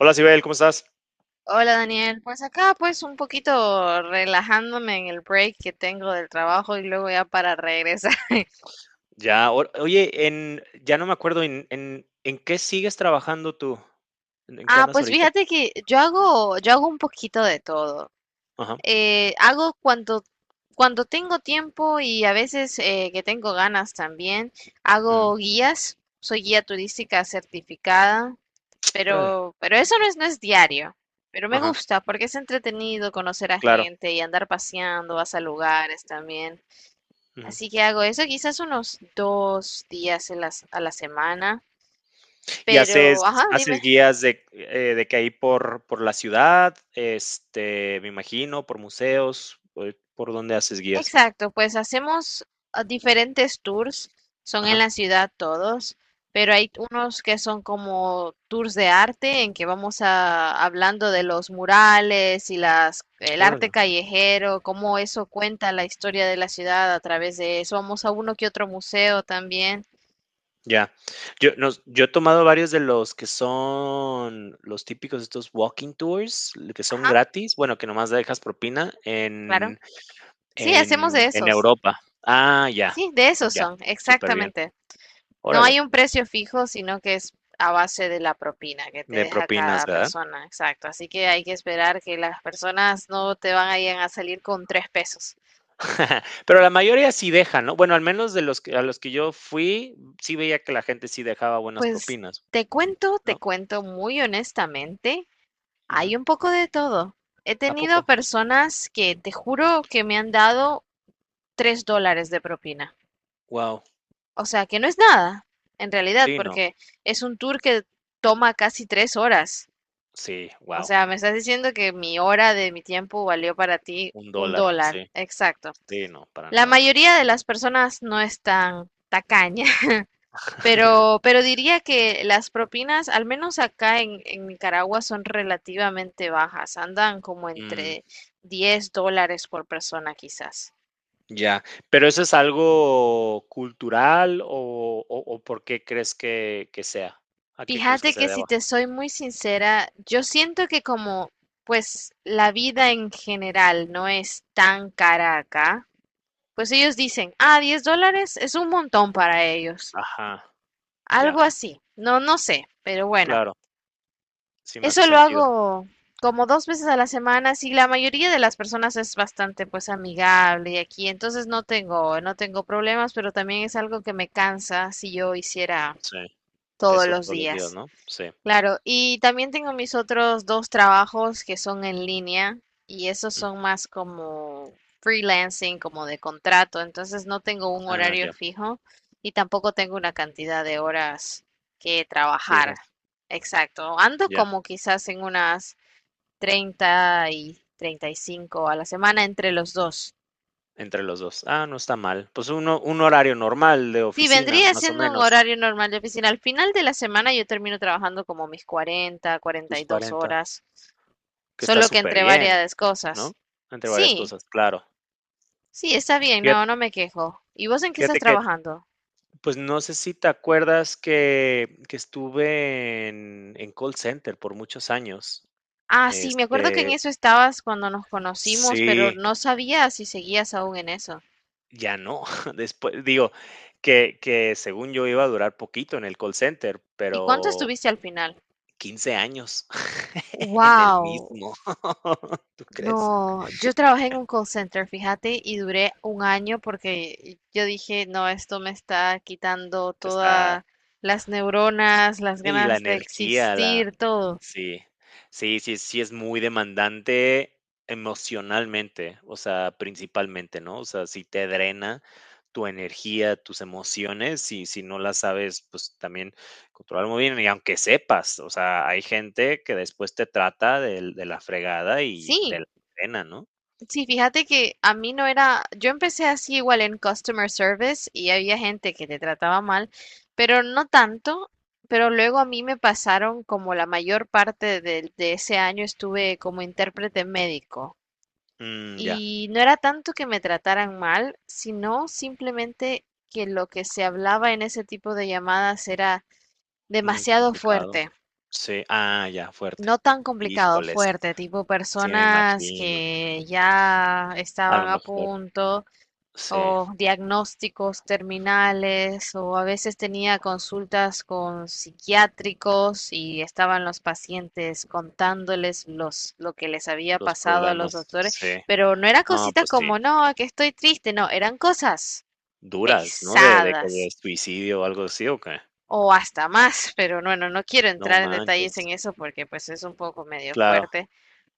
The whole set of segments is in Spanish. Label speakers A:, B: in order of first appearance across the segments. A: Hola, Sibel, ¿cómo estás?
B: Hola Daniel, pues acá pues un poquito relajándome en el break que tengo del trabajo y luego ya para regresar.
A: Ya, oye, ya no me acuerdo en qué sigues trabajando tú, en qué
B: Ah,
A: andas
B: pues
A: ahorita.
B: fíjate que yo hago un poquito de todo.
A: Ajá.
B: Hago cuando tengo tiempo y a veces que tengo ganas también,
A: Ujú.
B: hago guías, soy guía turística certificada,
A: Órale.
B: pero eso no es diario. Pero me
A: Ajá,
B: gusta porque es entretenido conocer a
A: claro.
B: gente y andar paseando, vas a lugares también.
A: Ujú.
B: Así que hago eso quizás unos dos días en a la semana.
A: ¿Y
B: Pero, ajá,
A: haces
B: dime.
A: guías de que ahí por la ciudad, este, me imagino, por museos, por dónde haces guías?
B: Exacto, pues hacemos diferentes tours. Son en
A: Ajá,
B: la ciudad todos, pero hay unos que son como tours de arte en que vamos a, hablando de los murales y las, el arte
A: órale.
B: callejero, cómo eso cuenta la historia de la ciudad a través de eso. Vamos a uno que otro museo también.
A: Ya. Yo he tomado varios de los que son los típicos, estos walking tours, que son
B: Ajá,
A: gratis, bueno, que nomás dejas propina
B: claro.
A: en...
B: Sí, hacemos de
A: En
B: esos.
A: Europa. Ah, ya,
B: Sí, de esos
A: ya,
B: son,
A: súper bien.
B: exactamente. No
A: Órale,
B: hay un precio fijo, sino que es a base de la propina que te
A: de
B: deja
A: propinas,
B: cada
A: ¿verdad?
B: persona, exacto. Así que hay que esperar que las personas no te van a ir a salir con tres pesos.
A: Pero la mayoría sí deja, ¿no? Bueno, al menos de a los que yo fui, sí veía que la gente sí dejaba buenas
B: Pues
A: propinas,
B: te cuento, te
A: ¿no?
B: cuento muy honestamente,
A: Ujú.
B: hay un poco de todo. He
A: ¿A poco?
B: tenido personas que te juro que me han dado $3 de propina.
A: Wow.
B: O sea, que no es nada, en realidad,
A: Sí, no.
B: porque es un tour que toma casi tres horas.
A: Sí,
B: O
A: wow.
B: sea, me estás diciendo que mi hora de mi tiempo valió para ti
A: Un
B: un
A: dólar,
B: dólar.
A: sí.
B: Exacto.
A: Sí, no, para
B: La
A: nada.
B: mayoría de las personas no están tacaña, pero, pero diría que las propinas, al menos acá en Nicaragua, son relativamente bajas, andan como
A: Mm,
B: entre $10 por persona quizás.
A: ya. ¿Pero eso es algo cultural o por qué crees que sea? ¿A qué crees que
B: Fíjate
A: se
B: que si
A: deba?
B: te soy muy sincera, yo siento que como pues la vida en general no es tan cara acá, pues ellos dicen, ah, $10 es un montón para ellos.
A: Ajá, ya,
B: Algo así. No, no sé, pero bueno.
A: claro. Sí me hace
B: Eso lo
A: sentido.
B: hago como dos veces a la semana. Si la mayoría de las personas es bastante pues amigable y aquí, entonces no tengo problemas, pero también es algo que me cansa si yo hiciera
A: Sí,
B: todos
A: eso
B: los
A: todos los días,
B: días.
A: ¿no? Sí.
B: Claro, y también tengo mis otros dos trabajos que son en línea y esos
A: Mm,
B: son más como freelancing, como de contrato, entonces no tengo un
A: ah,
B: horario
A: ya,
B: fijo y tampoco tengo una cantidad de horas que trabajar.
A: fijas,
B: Exacto, ando
A: ya,
B: como quizás en unas 30 y 35 a la semana entre los dos.
A: entre los dos. Ah, no está mal. Pues uno un horario normal de
B: Sí,
A: oficina,
B: vendría
A: más o
B: siendo un
A: menos,
B: horario normal de oficina. Al final de la semana yo termino trabajando como mis 40,
A: tus
B: 42
A: cuarenta,
B: horas.
A: que está
B: Solo que
A: súper
B: entre
A: bien,
B: varias
A: ¿no?
B: cosas.
A: Entre varias
B: Sí,
A: cosas, claro.
B: sí, está bien,
A: Fíjate
B: no, no me quejo. ¿Y vos en qué estás
A: fíjate que,
B: trabajando?
A: pues, no sé si te acuerdas que estuve en call center por muchos años.
B: Ah, sí, me acuerdo que en
A: Este,
B: eso estabas cuando nos conocimos, pero
A: sí.
B: no sabía si seguías aún en eso.
A: Ya no, después digo, que según yo iba a durar poquito en el call center,
B: ¿Y cuánto
A: pero
B: estuviste al final?
A: 15 años en el
B: Wow,
A: mismo, ¿tú crees?
B: no, yo trabajé en un call center, fíjate, y duré un año porque yo dije, no, esto me está quitando
A: Está...
B: todas las neuronas, las
A: Y la
B: ganas de
A: energía, la
B: existir, todo.
A: sí, sí es muy demandante emocionalmente, o sea, principalmente, ¿no? O sea, si te drena tu energía, tus emociones, y si no las sabes, pues también controlar muy bien, y aunque sepas, o sea, hay gente que después te trata del de la fregada y te
B: Sí,
A: la drena, ¿no?
B: sí, fíjate que a mí no era, yo empecé así igual en customer service y había gente que te trataba mal, pero no tanto, pero luego a mí me pasaron como la mayor parte de, ese año estuve como intérprete médico
A: Mm, ya,
B: y no era tanto que me trataran mal, sino simplemente que lo que se hablaba en ese tipo de llamadas era
A: muy
B: demasiado
A: complicado.
B: fuerte.
A: Sí, ah, ya, fuerte.
B: No tan complicado,
A: Híjoles,
B: fuerte, tipo
A: sí me
B: personas
A: imagino,
B: que ya
A: a
B: estaban
A: lo
B: a
A: mejor,
B: punto
A: sí.
B: o diagnósticos terminales, o a veces tenía consultas con psiquiátricos y estaban los pacientes contándoles los, lo que les había
A: Los
B: pasado a los
A: problemas,
B: doctores,
A: sí.
B: pero no era
A: No,
B: cositas
A: pues sí.
B: como, no, que estoy triste, no, eran cosas
A: Duras, ¿no? De que de
B: pesadas
A: suicidio o algo así, ¿o qué?
B: o hasta más, pero bueno, no quiero
A: No
B: entrar en
A: manches.
B: detalles en eso porque pues es un poco medio
A: Claro.
B: fuerte.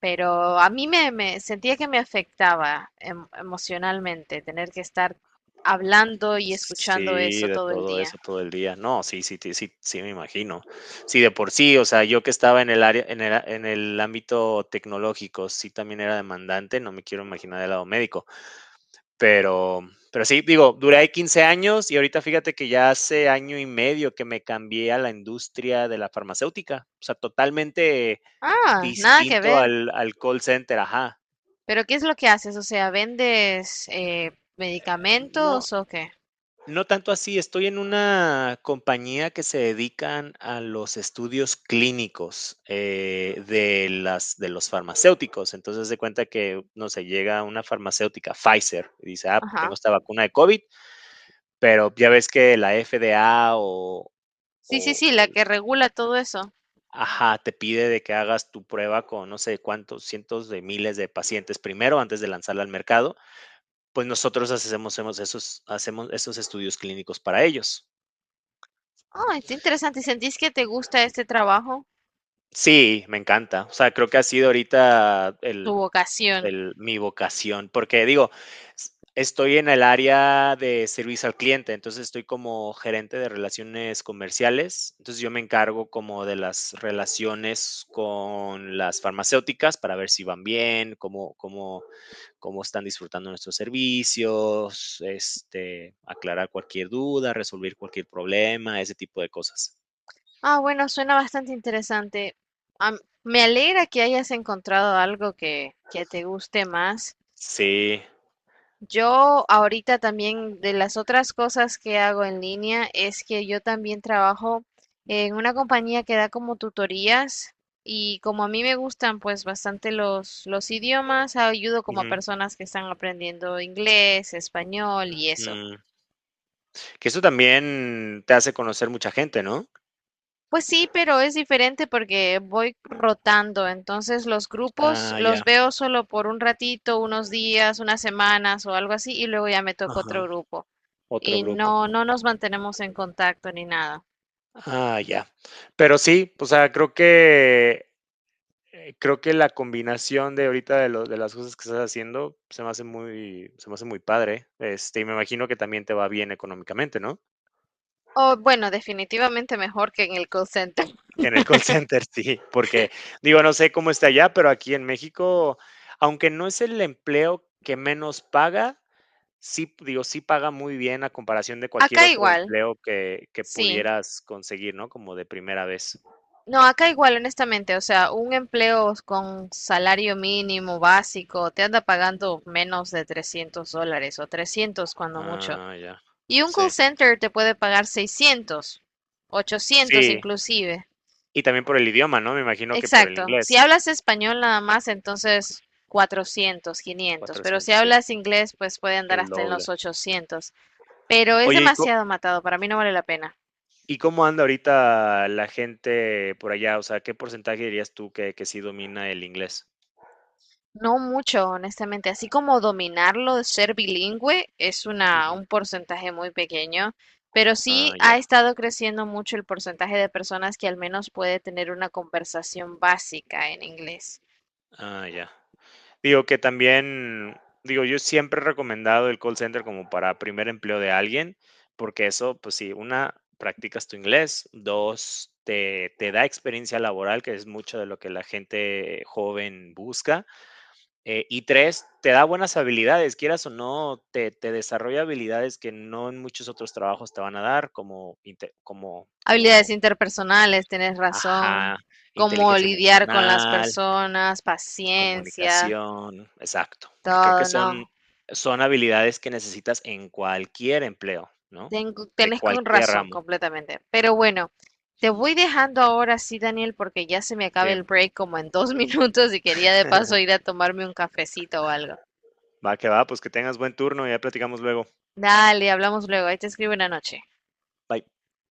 B: Pero a mí sentía que me afectaba emocionalmente tener que estar hablando y escuchando
A: Sí,
B: eso
A: de
B: todo el
A: todo
B: día.
A: eso todo el día. No, sí me imagino. Sí, de por sí, o sea, yo que estaba en el área en el ámbito tecnológico, sí también era demandante, no me quiero imaginar del lado médico, pero sí, digo, duré ahí 15 años y ahorita fíjate que ya hace año y medio que me cambié a la industria de la farmacéutica, o sea, totalmente
B: Ah, nada que
A: distinto
B: ver.
A: al call center, ajá.
B: Pero ¿qué es lo que haces? O sea, ¿vendes
A: No,
B: medicamentos o qué?
A: no tanto así, estoy en una compañía que se dedican a los estudios clínicos, de los farmacéuticos. Entonces se cuenta que, no sé, llega una farmacéutica, Pfizer, y dice, ah, tengo
B: Ajá.
A: esta vacuna de COVID, pero ya ves que la FDA o,
B: Sí, sí,
A: o,
B: sí,
A: o
B: la que regula todo eso.
A: ajá, te pide de que hagas tu prueba con no sé cuántos cientos de miles de pacientes primero antes de lanzarla al mercado. Pues nosotros hacemos esos estudios clínicos para ellos.
B: Ah, está interesante. ¿Y ¿Sentís que te gusta este trabajo?
A: Sí, me encanta. O sea, creo que ha sido ahorita
B: Tu vocación.
A: el, mi vocación, porque digo, estoy en el área de servicio al cliente, entonces estoy como gerente de relaciones comerciales, entonces yo me encargo como de las relaciones con las farmacéuticas para ver si van bien, cómo están disfrutando nuestros servicios, este, aclarar cualquier duda, resolver cualquier problema, ese tipo de cosas.
B: Ah, bueno, suena bastante interesante. Am- Me alegra que hayas encontrado algo que te guste más.
A: Sí.
B: Yo ahorita también de las otras cosas que hago en línea es que yo también trabajo en una compañía que da como tutorías y como a mí me gustan pues bastante los idiomas, ayudo como a
A: Ujú,
B: personas que están aprendiendo inglés, español y eso.
A: mm. Que eso también te hace conocer mucha gente, ¿no?
B: Pues sí, pero es diferente porque voy rotando, entonces los grupos
A: Ah,
B: los
A: ya.
B: veo solo por un ratito, unos días, unas semanas o algo así y luego ya me toca
A: Ajá,
B: otro grupo.
A: otro
B: Y
A: grupo.
B: no nos mantenemos en contacto ni nada.
A: Ah, ya. Pero sí, o sea, creo que la combinación de ahorita de las cosas que estás haciendo se me hace muy, se me hace muy padre. Este, y me imagino que también te va bien económicamente, ¿no?
B: O bueno, definitivamente mejor que en el call center.
A: En el call center, sí, porque digo, no sé cómo está allá, pero aquí en México, aunque no es el empleo que menos paga, sí, digo, sí paga muy bien a comparación de cualquier
B: Acá
A: otro
B: igual,
A: empleo que
B: sí.
A: pudieras conseguir, ¿no? Como de primera vez.
B: No, acá igual, honestamente, o sea, un empleo con salario mínimo básico te anda pagando menos de $300 o 300 cuando mucho.
A: Ah, ya.
B: Y un call
A: Sí.
B: center te puede pagar 600 800
A: Sí,
B: inclusive.
A: y también por el idioma, ¿no? Me imagino que por el
B: Exacto. Si
A: inglés.
B: hablas español nada más, entonces 400, 500. Pero si
A: Cuatrocientos, sí,
B: hablas inglés, pues puede andar
A: el
B: hasta en
A: doble.
B: los 800. Pero es
A: Oye,
B: demasiado matado. Para mí no vale la pena.
A: ¿y cómo anda ahorita la gente por allá? O sea, ¿qué porcentaje dirías tú que sí domina el inglés?
B: No mucho, honestamente. Así como dominarlo, ser bilingüe,
A: Ujú.
B: un porcentaje muy pequeño. Pero
A: Ah,
B: sí
A: ya,
B: ha estado creciendo mucho el porcentaje de personas que al menos puede tener una conversación básica en inglés.
A: ah, ya. Digo que también, digo, yo siempre he recomendado el call center como para primer empleo de alguien, porque eso, pues sí, una, practicas tu inglés, dos, te da experiencia laboral, que es mucho de lo que la gente joven busca, y tres, te da buenas habilidades, quieras o no, te desarrolla habilidades que no en muchos otros trabajos te van a dar,
B: Habilidades
A: como,
B: interpersonales, tienes razón.
A: ajá,
B: Cómo
A: inteligencia
B: lidiar con las
A: emocional,
B: personas, paciencia,
A: comunicación, exacto, que creo que
B: todo,
A: son,
B: no.
A: son habilidades que necesitas en cualquier empleo, ¿no?
B: Tengo,
A: De
B: tenés con
A: cualquier
B: razón
A: ramo,
B: completamente. Pero bueno, te voy dejando ahora sí, Daniel, porque ya se me
A: sí.
B: acaba el break como en dos minutos y quería de paso ir a tomarme un cafecito o algo.
A: Va que va, pues que tengas buen turno y ya platicamos luego.
B: Dale, hablamos luego. Ahí te escribo una noche.
A: Bye.